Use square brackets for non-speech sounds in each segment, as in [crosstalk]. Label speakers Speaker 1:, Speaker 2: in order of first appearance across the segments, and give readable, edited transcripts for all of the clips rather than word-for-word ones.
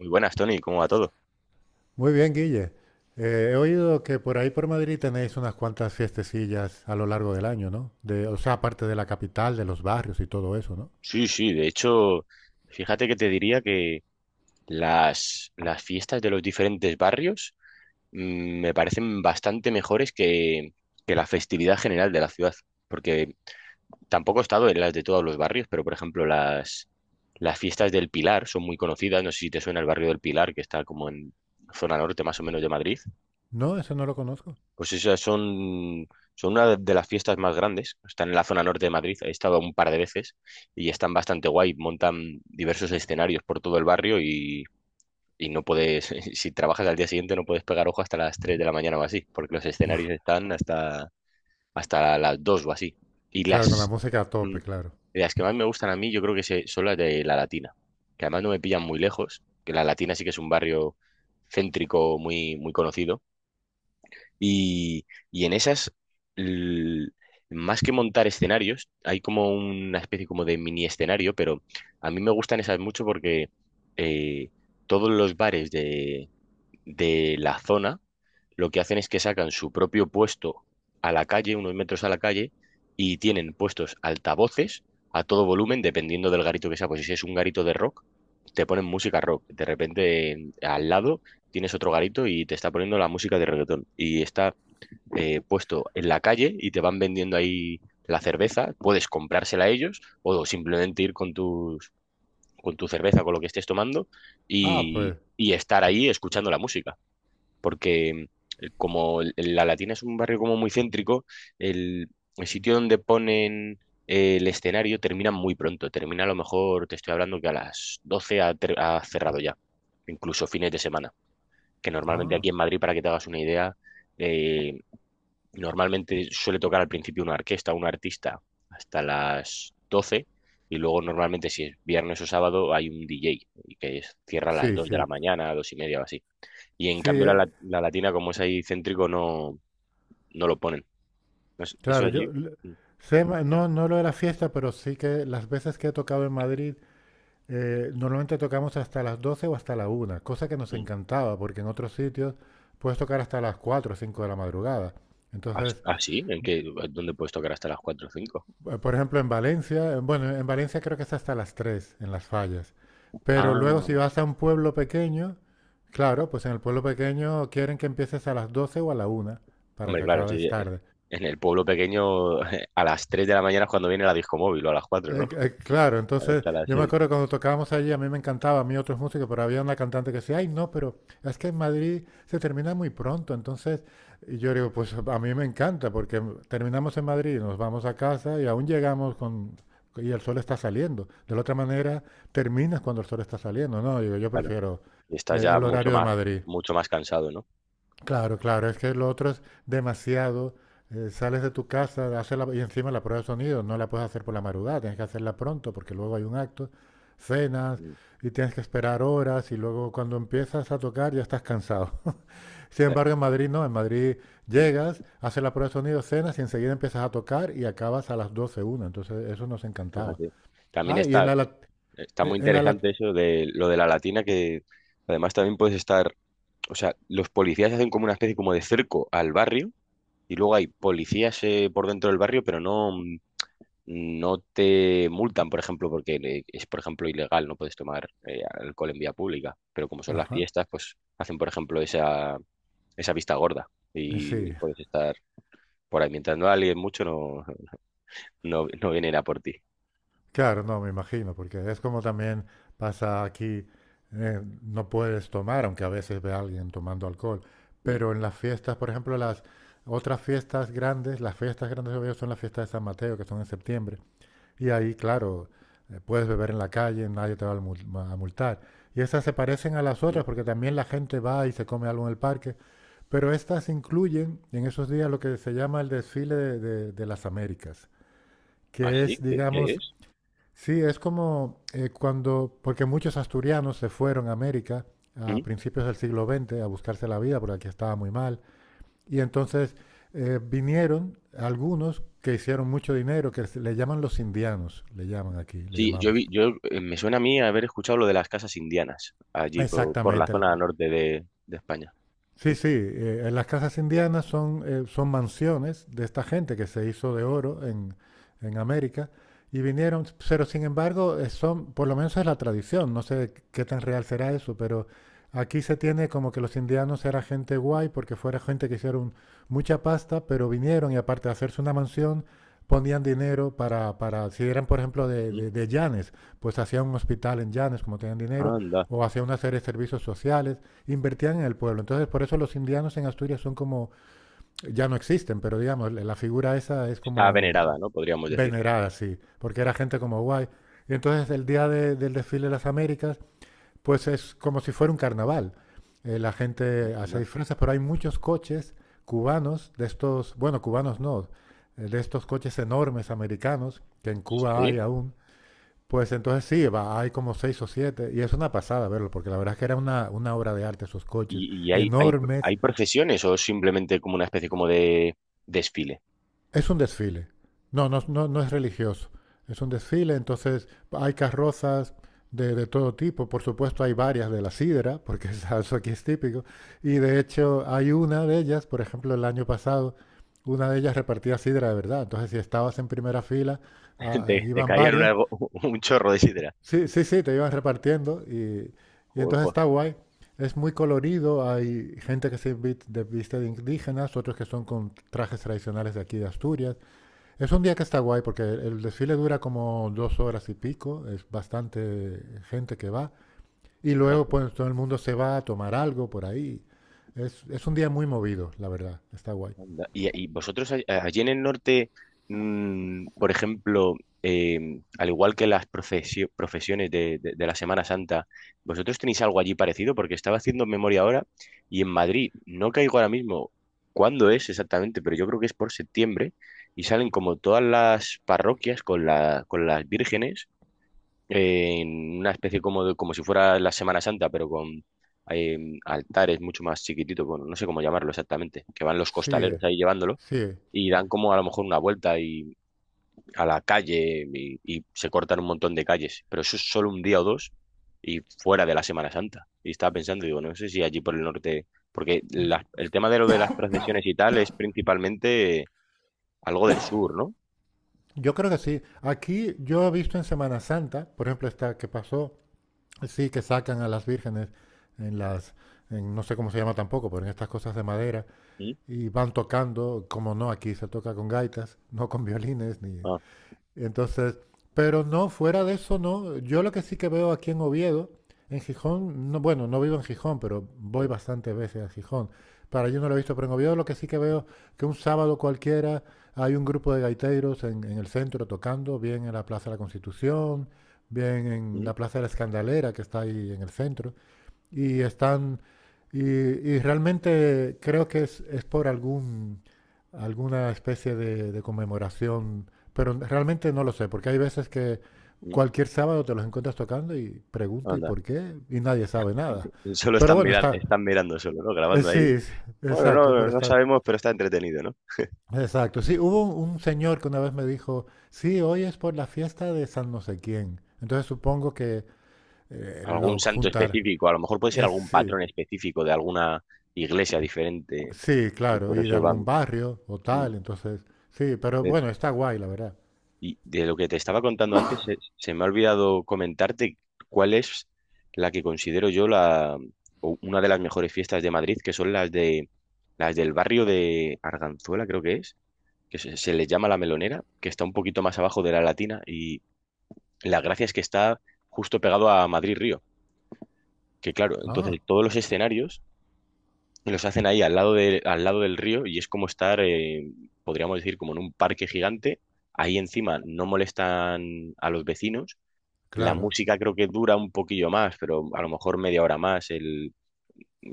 Speaker 1: Muy buenas, Tony, ¿cómo va todo?
Speaker 2: Muy bien, Guille. He oído que por ahí por Madrid tenéis unas cuantas fiestecillas a lo largo del año, ¿no? De, o sea, aparte de la capital, de los barrios y todo eso, ¿no?
Speaker 1: Sí, sí, de hecho, fíjate que te diría que las fiestas de los diferentes barrios me parecen bastante mejores que la festividad general de la ciudad, porque tampoco he estado en las de todos los barrios, pero, por ejemplo, las fiestas del Pilar son muy conocidas. No sé si te suena el barrio del Pilar, que está como en zona norte, más o menos, de Madrid.
Speaker 2: No, eso no lo conozco.
Speaker 1: Pues esas son, son una de las fiestas más grandes. Están en la zona norte de Madrid. He estado un par de veces y están bastante guay. Montan diversos escenarios por todo el barrio, y no puedes, [laughs] si trabajas al día siguiente, no puedes pegar ojo hasta las 3 de la mañana o así, porque los
Speaker 2: Buah.
Speaker 1: escenarios están hasta las 2 o así. Y
Speaker 2: Claro, con la
Speaker 1: las,
Speaker 2: música a
Speaker 1: mm,
Speaker 2: tope, claro.
Speaker 1: las que más me gustan a mí, yo creo que son las de La Latina, que además no me pillan muy lejos, que La Latina sí que es un barrio céntrico muy, muy conocido, y en esas, l- más que montar escenarios, hay como una especie como de mini escenario, pero a mí me gustan esas mucho porque eh, todos los bares de la zona, lo que hacen es que sacan su propio puesto a la calle, unos metros a la calle, y tienen puestos altavoces a todo volumen, dependiendo del garito que sea. Pues si es un garito de rock, te ponen música rock. De repente, al lado, tienes otro garito y te está poniendo la música de reggaetón. Y está puesto en la calle y te van vendiendo ahí la cerveza, puedes comprársela a ellos o simplemente ir con con tu cerveza, con lo que estés tomando
Speaker 2: Ah, pues.
Speaker 1: y estar ahí escuchando la música, porque como La Latina es un barrio como muy céntrico, el, el sitio donde ponen el escenario termina muy pronto, termina a lo mejor, te estoy hablando que a las 12 ha cerrado ya, incluso fines de semana, que normalmente
Speaker 2: Ah,
Speaker 1: aquí en Madrid, para que te hagas una idea, eh, Normalmente suele tocar al principio una orquesta, un artista, hasta las 12, y luego normalmente si es viernes o sábado hay un DJ y cierra a las
Speaker 2: sí,
Speaker 1: 2 de la
Speaker 2: sí.
Speaker 1: mañana, 2:30 o así. Y en
Speaker 2: Sí,
Speaker 1: cambio la, La Latina, como es ahí céntrico, no, no lo ponen. No es- Eso
Speaker 2: claro, yo
Speaker 1: allí...
Speaker 2: l-
Speaker 1: Mm,
Speaker 2: sé ma- no, no lo de la fiesta, pero sí que las veces que he tocado en Madrid, normalmente tocamos hasta las 12 o hasta la una, cosa que nos
Speaker 1: mm.
Speaker 2: encantaba, porque en otros sitios puedes tocar hasta las 4 o 5 de la madrugada.
Speaker 1: ¿Ah,
Speaker 2: Entonces,
Speaker 1: sí? ¿En qué? ¿Dónde puedes tocar hasta las 4 o 5?
Speaker 2: por ejemplo, en Valencia, bueno, en Valencia creo que es hasta las 3 en las fallas. Pero luego si
Speaker 1: Ah,
Speaker 2: vas a un pueblo pequeño, claro, pues en el pueblo pequeño quieren que empieces a las 12 o a la una para
Speaker 1: hombre,
Speaker 2: que
Speaker 1: claro, sí,
Speaker 2: acabes
Speaker 1: sí,
Speaker 2: tarde.
Speaker 1: en el pueblo pequeño [laughs] a las 3 de la mañana es cuando viene la disco móvil, o a las 4, ¿no?
Speaker 2: Claro, entonces
Speaker 1: Hasta las
Speaker 2: yo me
Speaker 1: 6,
Speaker 2: acuerdo cuando tocábamos allí, a mí me encantaba, a mí otros músicos, pero había una cantante que decía, ay, no, pero es que en Madrid se termina muy pronto, entonces, y yo digo, pues a mí me encanta, porque terminamos en Madrid, nos vamos a casa y aún llegamos y el sol está saliendo. De la otra manera, terminas cuando el sol está saliendo, no, digo, yo
Speaker 1: claro.
Speaker 2: prefiero
Speaker 1: Y estás ya
Speaker 2: el
Speaker 1: mucho
Speaker 2: horario de
Speaker 1: más,
Speaker 2: Madrid.
Speaker 1: mucho más cansado, ¿no?
Speaker 2: Claro, claro, es que lo otro es demasiado. Sales de tu casa, y encima la prueba de sonido no la puedes hacer por la madrugada, tienes que hacerla pronto porque luego hay un acto, cenas
Speaker 1: Mm.
Speaker 2: y tienes que esperar horas y luego cuando empiezas a tocar ya estás cansado. [laughs] Sin
Speaker 1: te-
Speaker 2: embargo, en Madrid no, en Madrid
Speaker 1: mm,
Speaker 2: llegas, haces la prueba de sonido, cenas y enseguida empiezas a tocar y acabas a las 12 una. Entonces eso nos encantaba.
Speaker 1: Fíjate. También
Speaker 2: Ah, y
Speaker 1: está, está muy
Speaker 2: en la, lat-
Speaker 1: interesante eso de lo de La Latina, que además también puedes estar, o sea, los policías hacen como una especie como de cerco al barrio y luego hay policías por dentro del barrio, pero no, no te multan, por ejemplo, porque es, por ejemplo, ilegal. No puedes tomar alcohol en vía pública, pero como son las
Speaker 2: Ajá,
Speaker 1: fiestas, pues hacen, por ejemplo, esa vista gorda,
Speaker 2: sí.
Speaker 1: y puedes estar por ahí mientras no alguien mucho, no. No, no viene a por ti.
Speaker 2: Claro, no, me imagino, porque es como también pasa aquí, no puedes tomar, aunque a veces ve a alguien tomando alcohol,
Speaker 1: Mm,
Speaker 2: pero en las fiestas, por ejemplo, las otras fiestas grandes, las fiestas grandes de Oviedo son las fiestas de San Mateo, que son en septiembre, y ahí, claro, puedes beber en la calle, nadie te va a multar. Y estas se parecen a las
Speaker 1: mm.
Speaker 2: otras porque también la gente va y se come algo en el parque, pero estas incluyen en esos días lo que se llama el desfile de las Américas,
Speaker 1: ¿Ah,
Speaker 2: que
Speaker 1: sí?
Speaker 2: es,
Speaker 1: ¿Qué
Speaker 2: digamos,
Speaker 1: es?
Speaker 2: sí, es como porque muchos asturianos se fueron a América a
Speaker 1: Mm.
Speaker 2: principios del siglo XX a buscarse la vida, porque aquí estaba muy mal, y entonces vinieron algunos que hicieron mucho dinero, le llaman los indianos, le llaman aquí, le
Speaker 1: Sí,
Speaker 2: llamamos.
Speaker 1: yo me suena a mí haber escuchado lo de las casas indianas, allí por la
Speaker 2: Exactamente.
Speaker 1: zona norte de España.
Speaker 2: Sí, sí, en las casas indianas son, son mansiones de esta gente que se hizo de oro en América y vinieron, pero sin embargo, son, por lo menos es la tradición, no sé qué tan real será eso, pero aquí se tiene como que los indianos era gente guay porque fuera gente que hicieron mucha pasta, pero vinieron y aparte de hacerse una mansión, ponían dinero para si eran por ejemplo
Speaker 1: Mm.
Speaker 2: de Llanes, pues hacían un hospital en Llanes como tenían dinero,
Speaker 1: Anda,
Speaker 2: o hacían una serie de servicios sociales, invertían en el pueblo. Entonces, por eso los indianos en Asturias son como, ya no existen, pero digamos, la figura esa es
Speaker 1: está
Speaker 2: como
Speaker 1: venerada, ¿no? Podríamos decir.
Speaker 2: venerada, sí, porque era gente como guay. Y entonces el día del desfile de las Américas, pues es como si fuera un carnaval. La gente hace
Speaker 1: Anda.
Speaker 2: disfraces, pero hay muchos coches cubanos, de estos, bueno, cubanos no, de estos coches enormes americanos, que en Cuba hay
Speaker 1: Sí.
Speaker 2: aún, pues entonces sí, hay como seis o siete, y es una pasada verlo, porque la verdad es que era una obra de arte esos coches,
Speaker 1: ¿Y hay, hay,
Speaker 2: enormes.
Speaker 1: hay procesiones, o es simplemente como una especie como de desfile?
Speaker 2: Es un desfile. No, no, no, no es religioso. Es un desfile, entonces hay carrozas de todo tipo. Por supuesto, hay varias de la sidra, porque [laughs] eso aquí es típico. Y de hecho, hay una de ellas, por ejemplo, el año pasado, una de ellas repartía sidra de verdad. Entonces, si estabas en primera fila,
Speaker 1: [laughs]
Speaker 2: ah, ah,
Speaker 1: Te
Speaker 2: iban
Speaker 1: caían
Speaker 2: varios,
Speaker 1: algo, un chorro de sidra.
Speaker 2: sí, sí, sí, te iban repartiendo y
Speaker 1: Joder,
Speaker 2: entonces
Speaker 1: pues,
Speaker 2: está guay. Es muy colorido, hay gente que viste de indígenas, otros que son con trajes tradicionales de aquí de Asturias. Es un día que está guay porque el desfile dura como dos horas y pico, es bastante gente que va y luego
Speaker 1: fíjate.
Speaker 2: pues todo el mundo se va a tomar algo por ahí. Es un día muy movido, la verdad, está guay.
Speaker 1: Anda. Y vosotros allí en el norte, por ejemplo, eh, al igual que las profesiones de la Semana Santa, ¿vosotros tenéis algo allí parecido? Porque estaba haciendo memoria ahora y en Madrid no caigo ahora mismo cuándo es exactamente, pero yo creo que es por septiembre, y salen como todas las parroquias con con las vírgenes en una especie como de, como si fuera la Semana Santa, pero con eh, altares mucho más chiquititos, bueno, no sé cómo llamarlo exactamente, que van los
Speaker 2: Sí,
Speaker 1: costaleros ahí llevándolo
Speaker 2: sí.
Speaker 1: y dan como a lo mejor una vuelta y, a la calle, y se cortan un montón de calles, pero eso es solo un día o dos, y fuera de la Semana Santa. Y estaba pensando, digo, no sé si allí por el norte, porque
Speaker 2: Yo,
Speaker 1: el tema de lo de las procesiones y tal es principalmente algo del sur, ¿no?
Speaker 2: yo creo que sí. Aquí yo he visto en Semana Santa, por ejemplo, esta que pasó, sí, que sacan a las vírgenes en las, en- no sé cómo se llama tampoco, pero en estas cosas de madera,
Speaker 1: ¿Mm?
Speaker 2: y van tocando, como no, aquí se toca con gaitas, no con violines, ni,
Speaker 1: Ah,
Speaker 2: entonces, pero no, fuera de eso no. Yo lo que sí que veo aquí en Oviedo, en Gijón, no, bueno, no vivo en Gijón, pero voy
Speaker 1: mm,
Speaker 2: bastantes veces a Gijón. Para allí no lo he visto, pero en Oviedo lo que sí que veo que un sábado cualquiera hay un grupo de gaiteros en el centro tocando, bien en la Plaza de la Constitución, bien en la
Speaker 1: mm,
Speaker 2: Plaza de la Escandalera que está ahí en el centro. Y están, y realmente creo que es por alguna especie de conmemoración, pero realmente no lo sé, porque hay veces que
Speaker 1: mm.
Speaker 2: cualquier sábado te los encuentras tocando y pregunto ¿y
Speaker 1: Anda.
Speaker 2: por qué? Y nadie sabe nada.
Speaker 1: [laughs] Solo
Speaker 2: Pero bueno, está,
Speaker 1: están mirando solo, ¿no? Grabando ahí.
Speaker 2: sí, sí,
Speaker 1: Bueno,
Speaker 2: exacto,
Speaker 1: no,
Speaker 2: pero
Speaker 1: no
Speaker 2: está,
Speaker 1: sabemos, pero está entretenido, ¿no?
Speaker 2: exacto. Sí, hubo un señor que una vez me dijo, sí, hoy es por la fiesta de San no sé quién. Entonces supongo que
Speaker 1: Algún
Speaker 2: lo
Speaker 1: santo
Speaker 2: juntar.
Speaker 1: específico, a lo mejor puede ser
Speaker 2: Es,
Speaker 1: algún
Speaker 2: sí,
Speaker 1: patrón específico de alguna iglesia diferente,
Speaker 2: sí,
Speaker 1: y
Speaker 2: claro,
Speaker 1: por
Speaker 2: y de
Speaker 1: eso van.
Speaker 2: algún barrio o
Speaker 1: mm,
Speaker 2: tal, entonces, sí, pero
Speaker 1: de-
Speaker 2: bueno, está guay, la verdad.
Speaker 1: Y de lo que te estaba contando antes, se me ha olvidado comentarte cuál es la que considero yo la o una de las mejores fiestas de Madrid, que son las del barrio de Arganzuela, creo que es, que se le llama La Melonera, que está un poquito más abajo de La Latina. Y la gracia es que está justo pegado a Madrid-Río, que claro,
Speaker 2: Ah,
Speaker 1: entonces todos los escenarios los hacen ahí al lado al lado del río, y es como estar, podríamos decir, como en un parque gigante. Ahí encima no molestan a los vecinos. La
Speaker 2: claro,
Speaker 1: música creo que dura un poquillo más, pero a lo mejor media hora más. El,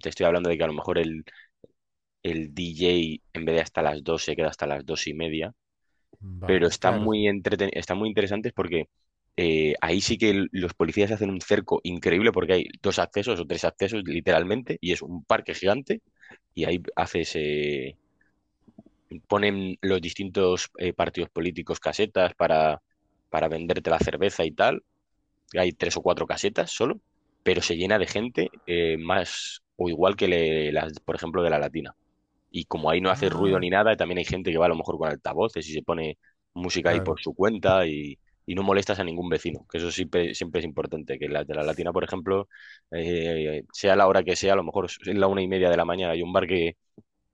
Speaker 1: te estoy hablando de que a lo mejor el DJ, en vez de hasta las 2, se queda hasta las 2:30, pero
Speaker 2: vale,
Speaker 1: están
Speaker 2: claro. Sí.
Speaker 1: muy entreten están muy interesantes porque ahí sí que los policías hacen un cerco increíble, porque hay dos accesos o tres accesos literalmente, y es un parque gigante, y ahí haces ponen los distintos partidos políticos casetas para venderte la cerveza y tal. Hay tres o cuatro casetas solo, pero se llena de gente más o igual que las, por ejemplo, de La Latina, y como ahí no hace ruido
Speaker 2: Ah,
Speaker 1: ni nada, también hay gente que va a lo mejor con altavoces y se pone música ahí
Speaker 2: claro.
Speaker 1: por su cuenta, y no molestas a ningún vecino, que eso siempre, siempre es importante, que la de La Latina, por ejemplo, sea la hora que sea, a lo mejor es la 1:30 de la mañana, hay un bar que,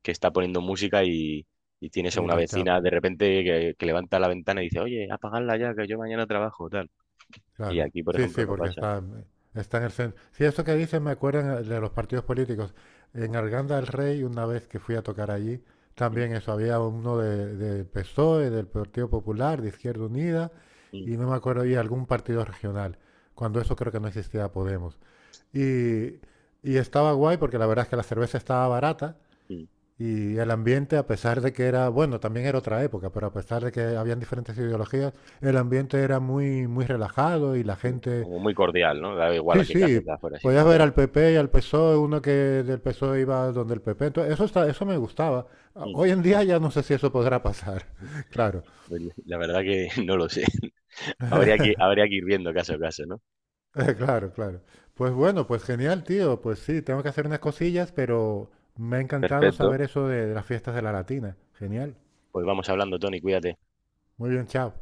Speaker 1: que está poniendo música, y tienes a
Speaker 2: Y
Speaker 1: una
Speaker 2: los chap,
Speaker 1: vecina de repente que levanta la ventana y dice: oye, apagadla ya, que yo mañana trabajo, tal. Y
Speaker 2: claro.
Speaker 1: aquí, por
Speaker 2: Sí,
Speaker 1: ejemplo,
Speaker 2: sí,
Speaker 1: no
Speaker 2: porque
Speaker 1: pasa.
Speaker 2: está, está en el centro. Sí, esto que dicen me acuerdan de los partidos políticos. En Arganda del Rey, una vez que fui a tocar allí,
Speaker 1: Mm,
Speaker 2: también eso, había uno del PSOE, del Partido Popular, de Izquierda Unida,
Speaker 1: mm,
Speaker 2: y no me acuerdo, y algún partido regional, cuando eso creo que no existía Podemos. Y, y estaba guay porque la verdad es que la cerveza estaba barata
Speaker 1: mm,
Speaker 2: y el ambiente, a pesar de que era, bueno, también era otra época, pero a pesar de que habían diferentes ideologías, el ambiente era muy, muy relajado y la
Speaker 1: mm.
Speaker 2: gente,
Speaker 1: Como muy cordial, ¿no? Da igual
Speaker 2: sí,
Speaker 1: a qué
Speaker 2: sí,
Speaker 1: caseta afuera y tal.
Speaker 2: podías ver al PP y al PSOE, uno que del PSOE iba donde el PP, entonces eso está, eso me gustaba. A-
Speaker 1: Mm,
Speaker 2: Hoy en día ya no sé si eso podrá pasar,
Speaker 1: mm.
Speaker 2: [laughs] claro,
Speaker 1: Pues la verdad que [laughs] no lo sé. Habría que ir viendo caso a caso, ¿no?
Speaker 2: [laughs] claro, claro. Pues bueno, pues genial, tío. Pues sí, tengo que hacer unas cosillas, pero me ha encantado
Speaker 1: Perfecto.
Speaker 2: saber eso de las fiestas de la Latina. Genial.
Speaker 1: Pues vamos hablando, Tony, cuídate.
Speaker 2: Muy bien, chao.